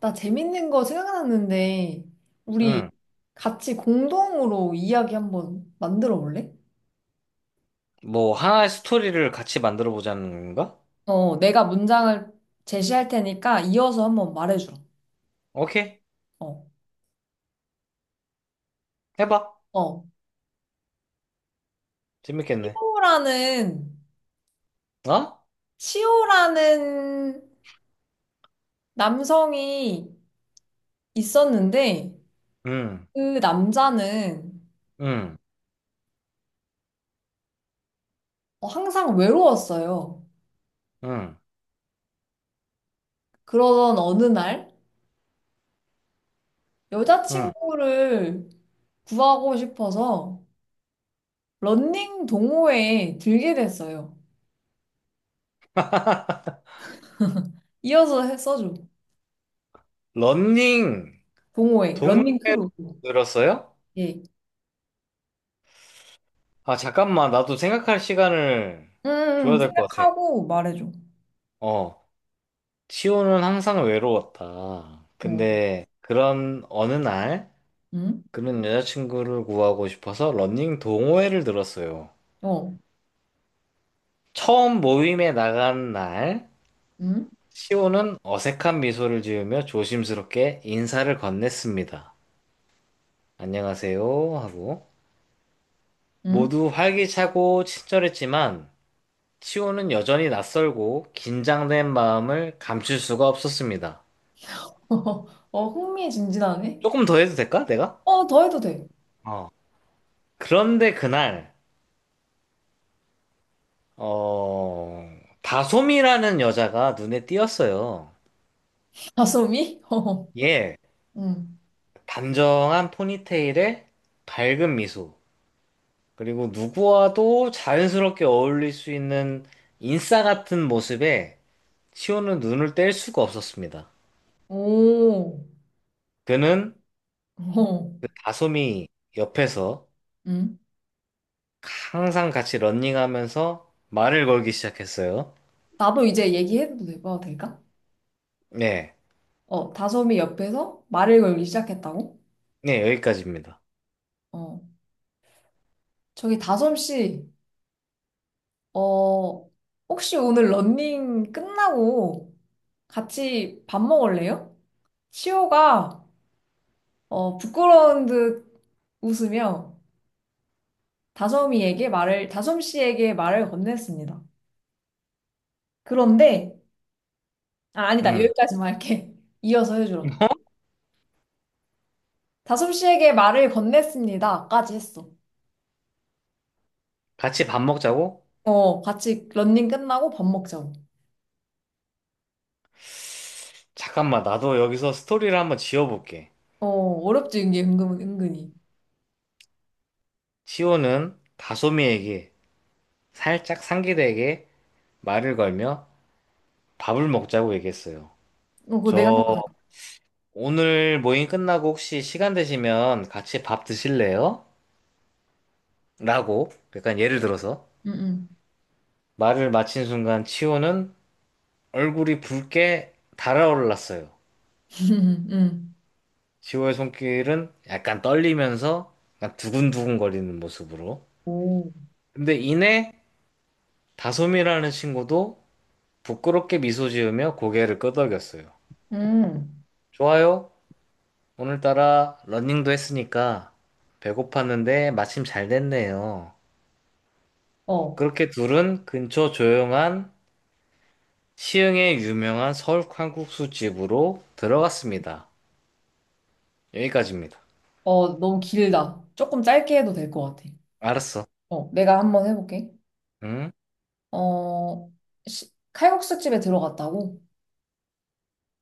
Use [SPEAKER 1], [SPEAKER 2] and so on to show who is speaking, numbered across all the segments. [SPEAKER 1] 나 재밌는 거 생각났는데, 우리
[SPEAKER 2] 응.
[SPEAKER 1] 같이 공동으로 이야기 한번 만들어 볼래?
[SPEAKER 2] 뭐, 하나의 스토리를 같이 만들어 보자는 건가?
[SPEAKER 1] 내가 문장을 제시할 테니까 이어서 한번 말해줘.
[SPEAKER 2] 오케이.
[SPEAKER 1] 어.
[SPEAKER 2] 해봐.
[SPEAKER 1] 어,
[SPEAKER 2] 재밌겠네.
[SPEAKER 1] 시호라는,
[SPEAKER 2] 어?
[SPEAKER 1] 시호라는 남성이 있었는데
[SPEAKER 2] 응,
[SPEAKER 1] 그 남자는
[SPEAKER 2] 응,
[SPEAKER 1] 항상 외로웠어요.
[SPEAKER 2] 응,
[SPEAKER 1] 그러던 어느 날
[SPEAKER 2] 응.
[SPEAKER 1] 여자친구를 구하고 싶어서 런닝 동호회에 들게 됐어요. 이어서 써줘.
[SPEAKER 2] 러닝
[SPEAKER 1] 동호회, 런닝
[SPEAKER 2] 동호회를
[SPEAKER 1] 크루.
[SPEAKER 2] 들었어요?
[SPEAKER 1] 예.
[SPEAKER 2] 아, 잠깐만. 나도 생각할 시간을
[SPEAKER 1] 음,
[SPEAKER 2] 줘야 될 것 같아.
[SPEAKER 1] 생각하고 말해줘.
[SPEAKER 2] 어. 치호는 항상 외로웠다.
[SPEAKER 1] 어,
[SPEAKER 2] 근데 그런 어느 날
[SPEAKER 1] 음,
[SPEAKER 2] 그는 여자친구를 구하고 싶어서 러닝 동호회를 들었어요.
[SPEAKER 1] 어,
[SPEAKER 2] 처음 모임에 나간 날
[SPEAKER 1] 음,
[SPEAKER 2] 시온은 어색한 미소를 지으며 조심스럽게 인사를 건넸습니다. 안녕하세요 하고
[SPEAKER 1] 음.
[SPEAKER 2] 모두 활기차고 친절했지만 시온은 여전히 낯설고 긴장된 마음을 감출 수가 없었습니다.
[SPEAKER 1] 흥미진진하네.
[SPEAKER 2] 조금 더 해도 될까? 내가?
[SPEAKER 1] 더 해도 돼.
[SPEAKER 2] 어. 그런데 그날 어 다솜이라는 여자가 눈에 띄었어요.
[SPEAKER 1] 다솜이? 어,
[SPEAKER 2] 예,
[SPEAKER 1] 음.
[SPEAKER 2] 단정한 포니테일에 밝은 미소. 그리고 누구와도 자연스럽게 어울릴 수 있는 인싸 같은 모습에 시호는 눈을 뗄 수가 없었습니다.
[SPEAKER 1] 오,
[SPEAKER 2] 그는
[SPEAKER 1] 어,
[SPEAKER 2] 그 다솜이 옆에서
[SPEAKER 1] 음.
[SPEAKER 2] 항상 같이 런닝하면서 말을 걸기 시작했어요.
[SPEAKER 1] 나도 이제 얘기해도 될거 될까?
[SPEAKER 2] 네,
[SPEAKER 1] 다솜이 옆에서 말을 걸기 시작했다고?
[SPEAKER 2] 네, 여기까지입니다.
[SPEAKER 1] 어, 저기 다솜 씨, 어, 혹시 오늘 런닝 끝나고 같이 밥 먹을래요? 시호가 부끄러운 듯 웃으며 다솜 씨에게 말을 건넸습니다. 그런데, 아, 아니다.
[SPEAKER 2] 음,
[SPEAKER 1] 여기까지만 할게. 이어서 해주라. 다솜 씨에게 말을 건넸습니다.까지 했어.
[SPEAKER 2] 같이 밥 먹자고?
[SPEAKER 1] 같이 런닝 끝나고 밥 먹자고.
[SPEAKER 2] 잠깐만, 나도 여기서 스토리를 한번 지어볼게.
[SPEAKER 1] 어렵지, 이게 은근히.
[SPEAKER 2] 시호는 다솜이에게 살짝 상기되게 말을 걸며 밥을 먹자고 얘기했어요.
[SPEAKER 1] 그거 내가 한
[SPEAKER 2] 저
[SPEAKER 1] 거.
[SPEAKER 2] 오늘 모임 끝나고 혹시 시간 되시면 같이 밥 드실래요? 라고 약간 예를 들어서
[SPEAKER 1] 응, 응.
[SPEAKER 2] 말을 마친 순간 치호는 얼굴이 붉게 달아올랐어요.
[SPEAKER 1] 응.
[SPEAKER 2] 치호의 손길은 약간 떨리면서 약간 두근두근 거리는 모습으로.
[SPEAKER 1] 오.
[SPEAKER 2] 근데 이내 다솜이라는 친구도 부끄럽게 미소 지으며 고개를 끄덕였어요.
[SPEAKER 1] 음.
[SPEAKER 2] 좋아요. 오늘따라 러닝도 했으니까 배고팠는데 마침 잘 됐네요.
[SPEAKER 1] 어,
[SPEAKER 2] 그렇게 둘은 근처 조용한 시흥의 유명한 서울 칼국수 집으로 들어갔습니다. 여기까지입니다.
[SPEAKER 1] 너무 길다. 조금 짧게 해도 될 것 같아.
[SPEAKER 2] 알았어.
[SPEAKER 1] 내가 한번 해볼게.
[SPEAKER 2] 응?
[SPEAKER 1] 어, 칼국수 집에 들어갔다고?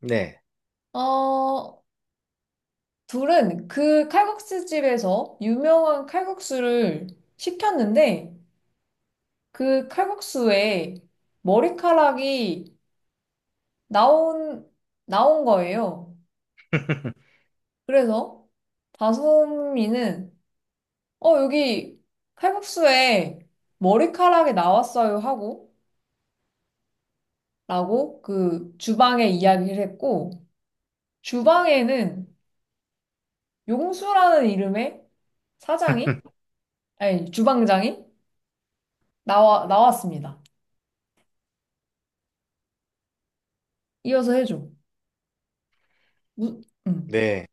[SPEAKER 2] 네.
[SPEAKER 1] 어, 둘은 그 칼국수 집에서 유명한 칼국수를 시켰는데 그 칼국수에 머리카락이 나온, 나온 거예요. 그래서 다솜이는 여기 칼국수에 머리카락이 나왔어요 하고 라고 그 주방에 이야기를 했고 주방에는 용수라는 이름의 사장이, 아니, 주방장이 나왔습니다. 이어서 해줘. 무, 응,
[SPEAKER 2] 네.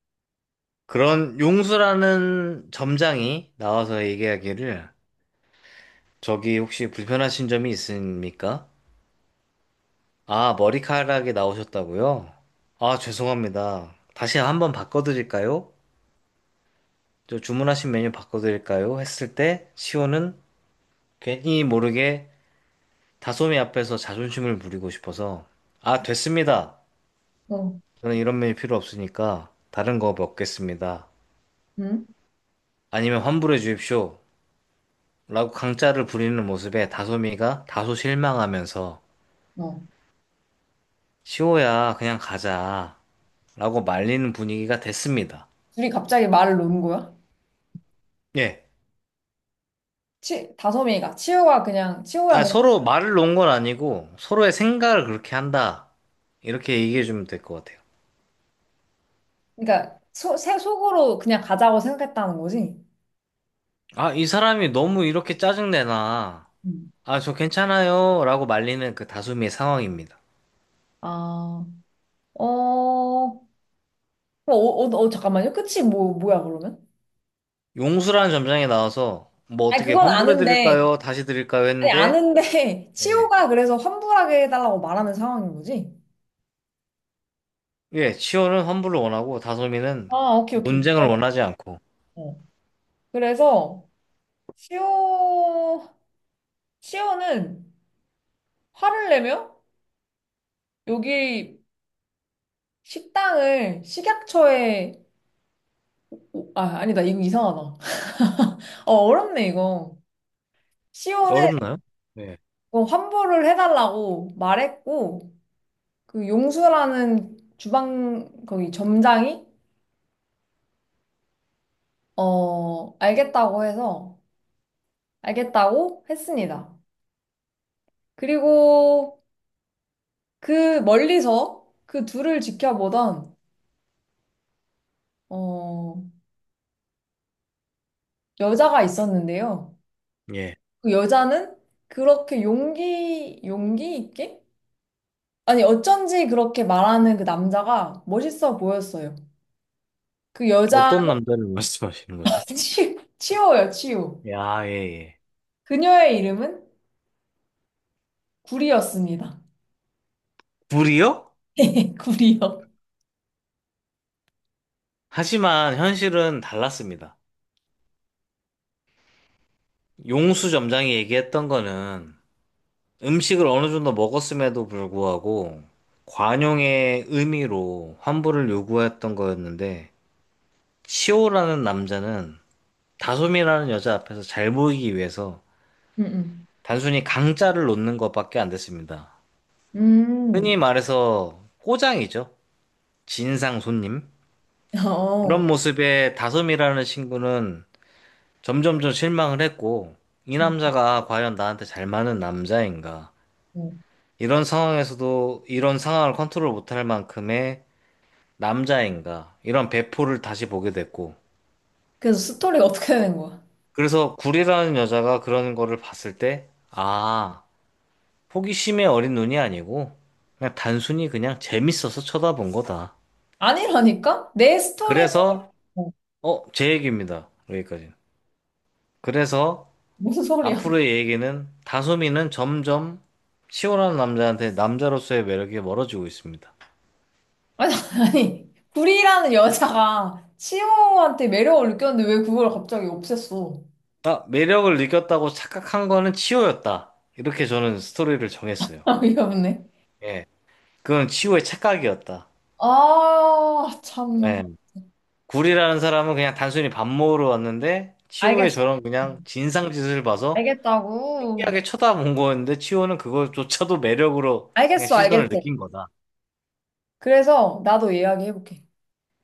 [SPEAKER 2] 그런 용수라는 점장이 나와서 얘기하기를 저기 혹시 불편하신 점이 있습니까? 아, 머리카락이 나오셨다고요? 아, 죄송합니다. 다시 한번 바꿔드릴까요? 저 주문하신 메뉴 바꿔드릴까요? 했을 때 시호는 괜히 모르게 다솜이 앞에서 자존심을 부리고 싶어서 아, 됐습니다.
[SPEAKER 1] 어,
[SPEAKER 2] 저는 이런 메일 필요 없으니까 다른 거 먹겠습니다.
[SPEAKER 1] 응,
[SPEAKER 2] 아니면 환불해 주십시오. 라고 강짜를 부리는 모습에 다솜이가 다소 실망하면서
[SPEAKER 1] 어.
[SPEAKER 2] 시호야, 그냥 가자. 라고 말리는 분위기가 됐습니다.
[SPEAKER 1] 둘이 갑자기 말을 놓는 거야?
[SPEAKER 2] 예.
[SPEAKER 1] 치우야
[SPEAKER 2] 아,
[SPEAKER 1] 그냥,
[SPEAKER 2] 서로 말을 놓은 건 아니고 서로의 생각을 그렇게 한다. 이렇게 얘기해 주면 될 것 같아요.
[SPEAKER 1] 그러니까, 새 속으로 그냥 가자고 생각했다는 거지?
[SPEAKER 2] 아, 이 사람이 너무 이렇게 짜증내나.
[SPEAKER 1] 응.
[SPEAKER 2] 아, 저 괜찮아요. 라고 말리는 그 다솜이의 상황입니다.
[SPEAKER 1] 아, 어, 어, 어, 잠깐만요. 끝이 뭐야, 그러면?
[SPEAKER 2] 용수라는 점장이 나와서 뭐
[SPEAKER 1] 아니,
[SPEAKER 2] 어떻게
[SPEAKER 1] 그건
[SPEAKER 2] 환불해
[SPEAKER 1] 아는데,
[SPEAKER 2] 드릴까요? 다시 드릴까요?
[SPEAKER 1] 아니,
[SPEAKER 2] 했는데
[SPEAKER 1] 아는데,
[SPEAKER 2] 예.
[SPEAKER 1] 치호가 그래서 환불하게 해달라고 말하는 상황인 거지?
[SPEAKER 2] 예, 치호는 환불을 원하고 다솜이는
[SPEAKER 1] 아, 오케이, 오케이.
[SPEAKER 2] 논쟁을 원하지 않고
[SPEAKER 1] 알겠어. 그래서 시오 시오는 화를 내며 여기 식당을 식약처에 아 아니다 이거 이상하다. 어렵네 이거. 시오는
[SPEAKER 2] 어렵나요? 예.
[SPEAKER 1] 뭐 환불을 해달라고 말했고 그 용수라는 주방 거기 점장이 어 알겠다고 해서 알겠다고 했습니다. 그리고 그 멀리서 그 둘을 지켜보던 어 여자가 있었는데요.
[SPEAKER 2] 예.
[SPEAKER 1] 그 여자는 그렇게 용기 있게? 아니, 어쩐지 그렇게 말하는 그 남자가 멋있어 보였어요. 그 여자,
[SPEAKER 2] 어떤 남자를 말씀하시는 거죠?
[SPEAKER 1] 치호요, 치호.
[SPEAKER 2] 야, 예, 예.
[SPEAKER 1] 그녀의 이름은 구리였습니다.
[SPEAKER 2] 불이요?
[SPEAKER 1] 구리요.
[SPEAKER 2] 하지만 현실은 달랐습니다. 용수 점장이 얘기했던 거는 음식을 어느 정도 먹었음에도 불구하고 관용의 의미로 환불을 요구했던 거였는데 치호라는 남자는 다솜이라는 여자 앞에서 잘 보이기 위해서
[SPEAKER 1] 음,
[SPEAKER 2] 단순히 강짜를 놓는 것밖에 안 됐습니다.
[SPEAKER 1] 음.
[SPEAKER 2] 흔히 말해서 호장이죠. 진상 손님.
[SPEAKER 1] 어.
[SPEAKER 2] 그런 모습에 다솜이라는 친구는 점점점 실망을 했고, 이
[SPEAKER 1] 음,
[SPEAKER 2] 남자가 과연 나한테 잘 맞는 남자인가?
[SPEAKER 1] 음.
[SPEAKER 2] 이런 상황에서도 이런 상황을 컨트롤 못 할 만큼의 남자인가? 이런 배포를 다시 보게 됐고.
[SPEAKER 1] 그래서 스토리가 어떻게 되는 거야?
[SPEAKER 2] 그래서 구리라는 여자가 그런 거를 봤을 때, 아, 호기심의 어린 눈이 아니고 그냥 단순히 그냥 재밌어서 쳐다본 거다.
[SPEAKER 1] 아니라니까? 내 스토리는
[SPEAKER 2] 그래서
[SPEAKER 1] 뭐,
[SPEAKER 2] 어, 제 얘기입니다. 여기까지. 그래서
[SPEAKER 1] 무슨 소리야?
[SPEAKER 2] 앞으로의 얘기는 다솜이는 점점 시원한 남자한테 남자로서의 매력이 멀어지고 있습니다.
[SPEAKER 1] 아니, 아니. 구리라는 여자가 치호한테 매력을 느꼈는데 왜 그걸 갑자기 없앴어?
[SPEAKER 2] 아, 매력을 느꼈다고 착각한 거는 치호였다. 이렇게 저는 스토리를 정했어요.
[SPEAKER 1] 아, 이없네.
[SPEAKER 2] 예. 그건 치호의 착각이었다.
[SPEAKER 1] 아, 참나.
[SPEAKER 2] 예. 굴이라는 사람은 그냥 단순히 밥 먹으러 왔는데 치호의
[SPEAKER 1] 알겠어.
[SPEAKER 2] 저런 그냥 진상짓을 봐서
[SPEAKER 1] 알겠다고.
[SPEAKER 2] 신기하게 쳐다본 거였는데 치호는 그것조차도 매력으로 그냥
[SPEAKER 1] 알겠어, 알겠어.
[SPEAKER 2] 시선을 느낀 거다.
[SPEAKER 1] 그래서 나도 이야기해볼게.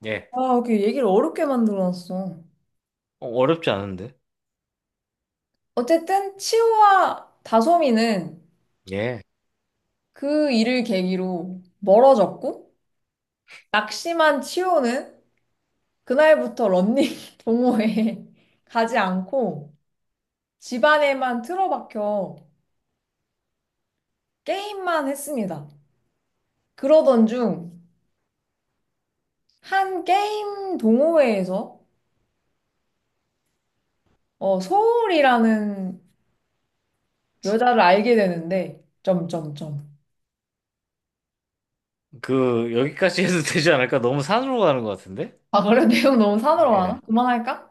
[SPEAKER 2] 예.
[SPEAKER 1] 아, 이렇게 얘기를 어렵게 만들어놨어.
[SPEAKER 2] 어, 어렵지 않은데?
[SPEAKER 1] 어쨌든, 치호와 다솜이는
[SPEAKER 2] 예.
[SPEAKER 1] 그 일을 계기로 멀어졌고, 낙심한 치호는 그날부터 런닝 동호회에 가지 않고, 집안에만 틀어박혀 게임만 했습니다. 그러던 중, 한 게임 동호회에서 서울이라는 여자를 알게 되는데, 점점점.
[SPEAKER 2] 그 여기까지 해도 되지 않을까? 너무 산으로 가는 것 같은데?
[SPEAKER 1] 아, 그래? 내용 너무 산으로 가나?
[SPEAKER 2] 예.
[SPEAKER 1] 그만할까?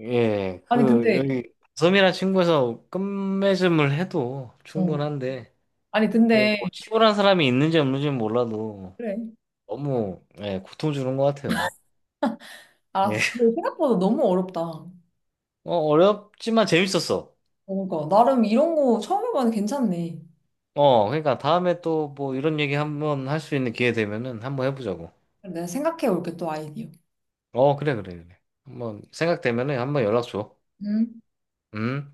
[SPEAKER 2] 예.
[SPEAKER 1] 아니,
[SPEAKER 2] 그
[SPEAKER 1] 근데,
[SPEAKER 2] 여기 섬이란 친구에서 끝맺음을 해도
[SPEAKER 1] 어.
[SPEAKER 2] 충분한데
[SPEAKER 1] 아니,
[SPEAKER 2] 그 뭐
[SPEAKER 1] 근데,
[SPEAKER 2] 치호란 사람이 있는지 없는지는 몰라도
[SPEAKER 1] 그래.
[SPEAKER 2] 너무 예, 고통 주는 것 같아요. 예.
[SPEAKER 1] 알았어. 근데 생각보다 너무 어렵다.
[SPEAKER 2] 어, 어렵지만 재밌었어.
[SPEAKER 1] 뭔가, 나름 이런 거 처음 해봐도 괜찮네.
[SPEAKER 2] 어, 그러니까 다음에 또 뭐 이런 얘기 한번 할 수 있는 기회 되면은 한번 해보자고.
[SPEAKER 1] 그래, 내가 생각해 올게, 또 아이디어.
[SPEAKER 2] 어, 그래, 그래, 그래. 한번 생각되면은 한번 연락 줘.
[SPEAKER 1] 음.
[SPEAKER 2] 음.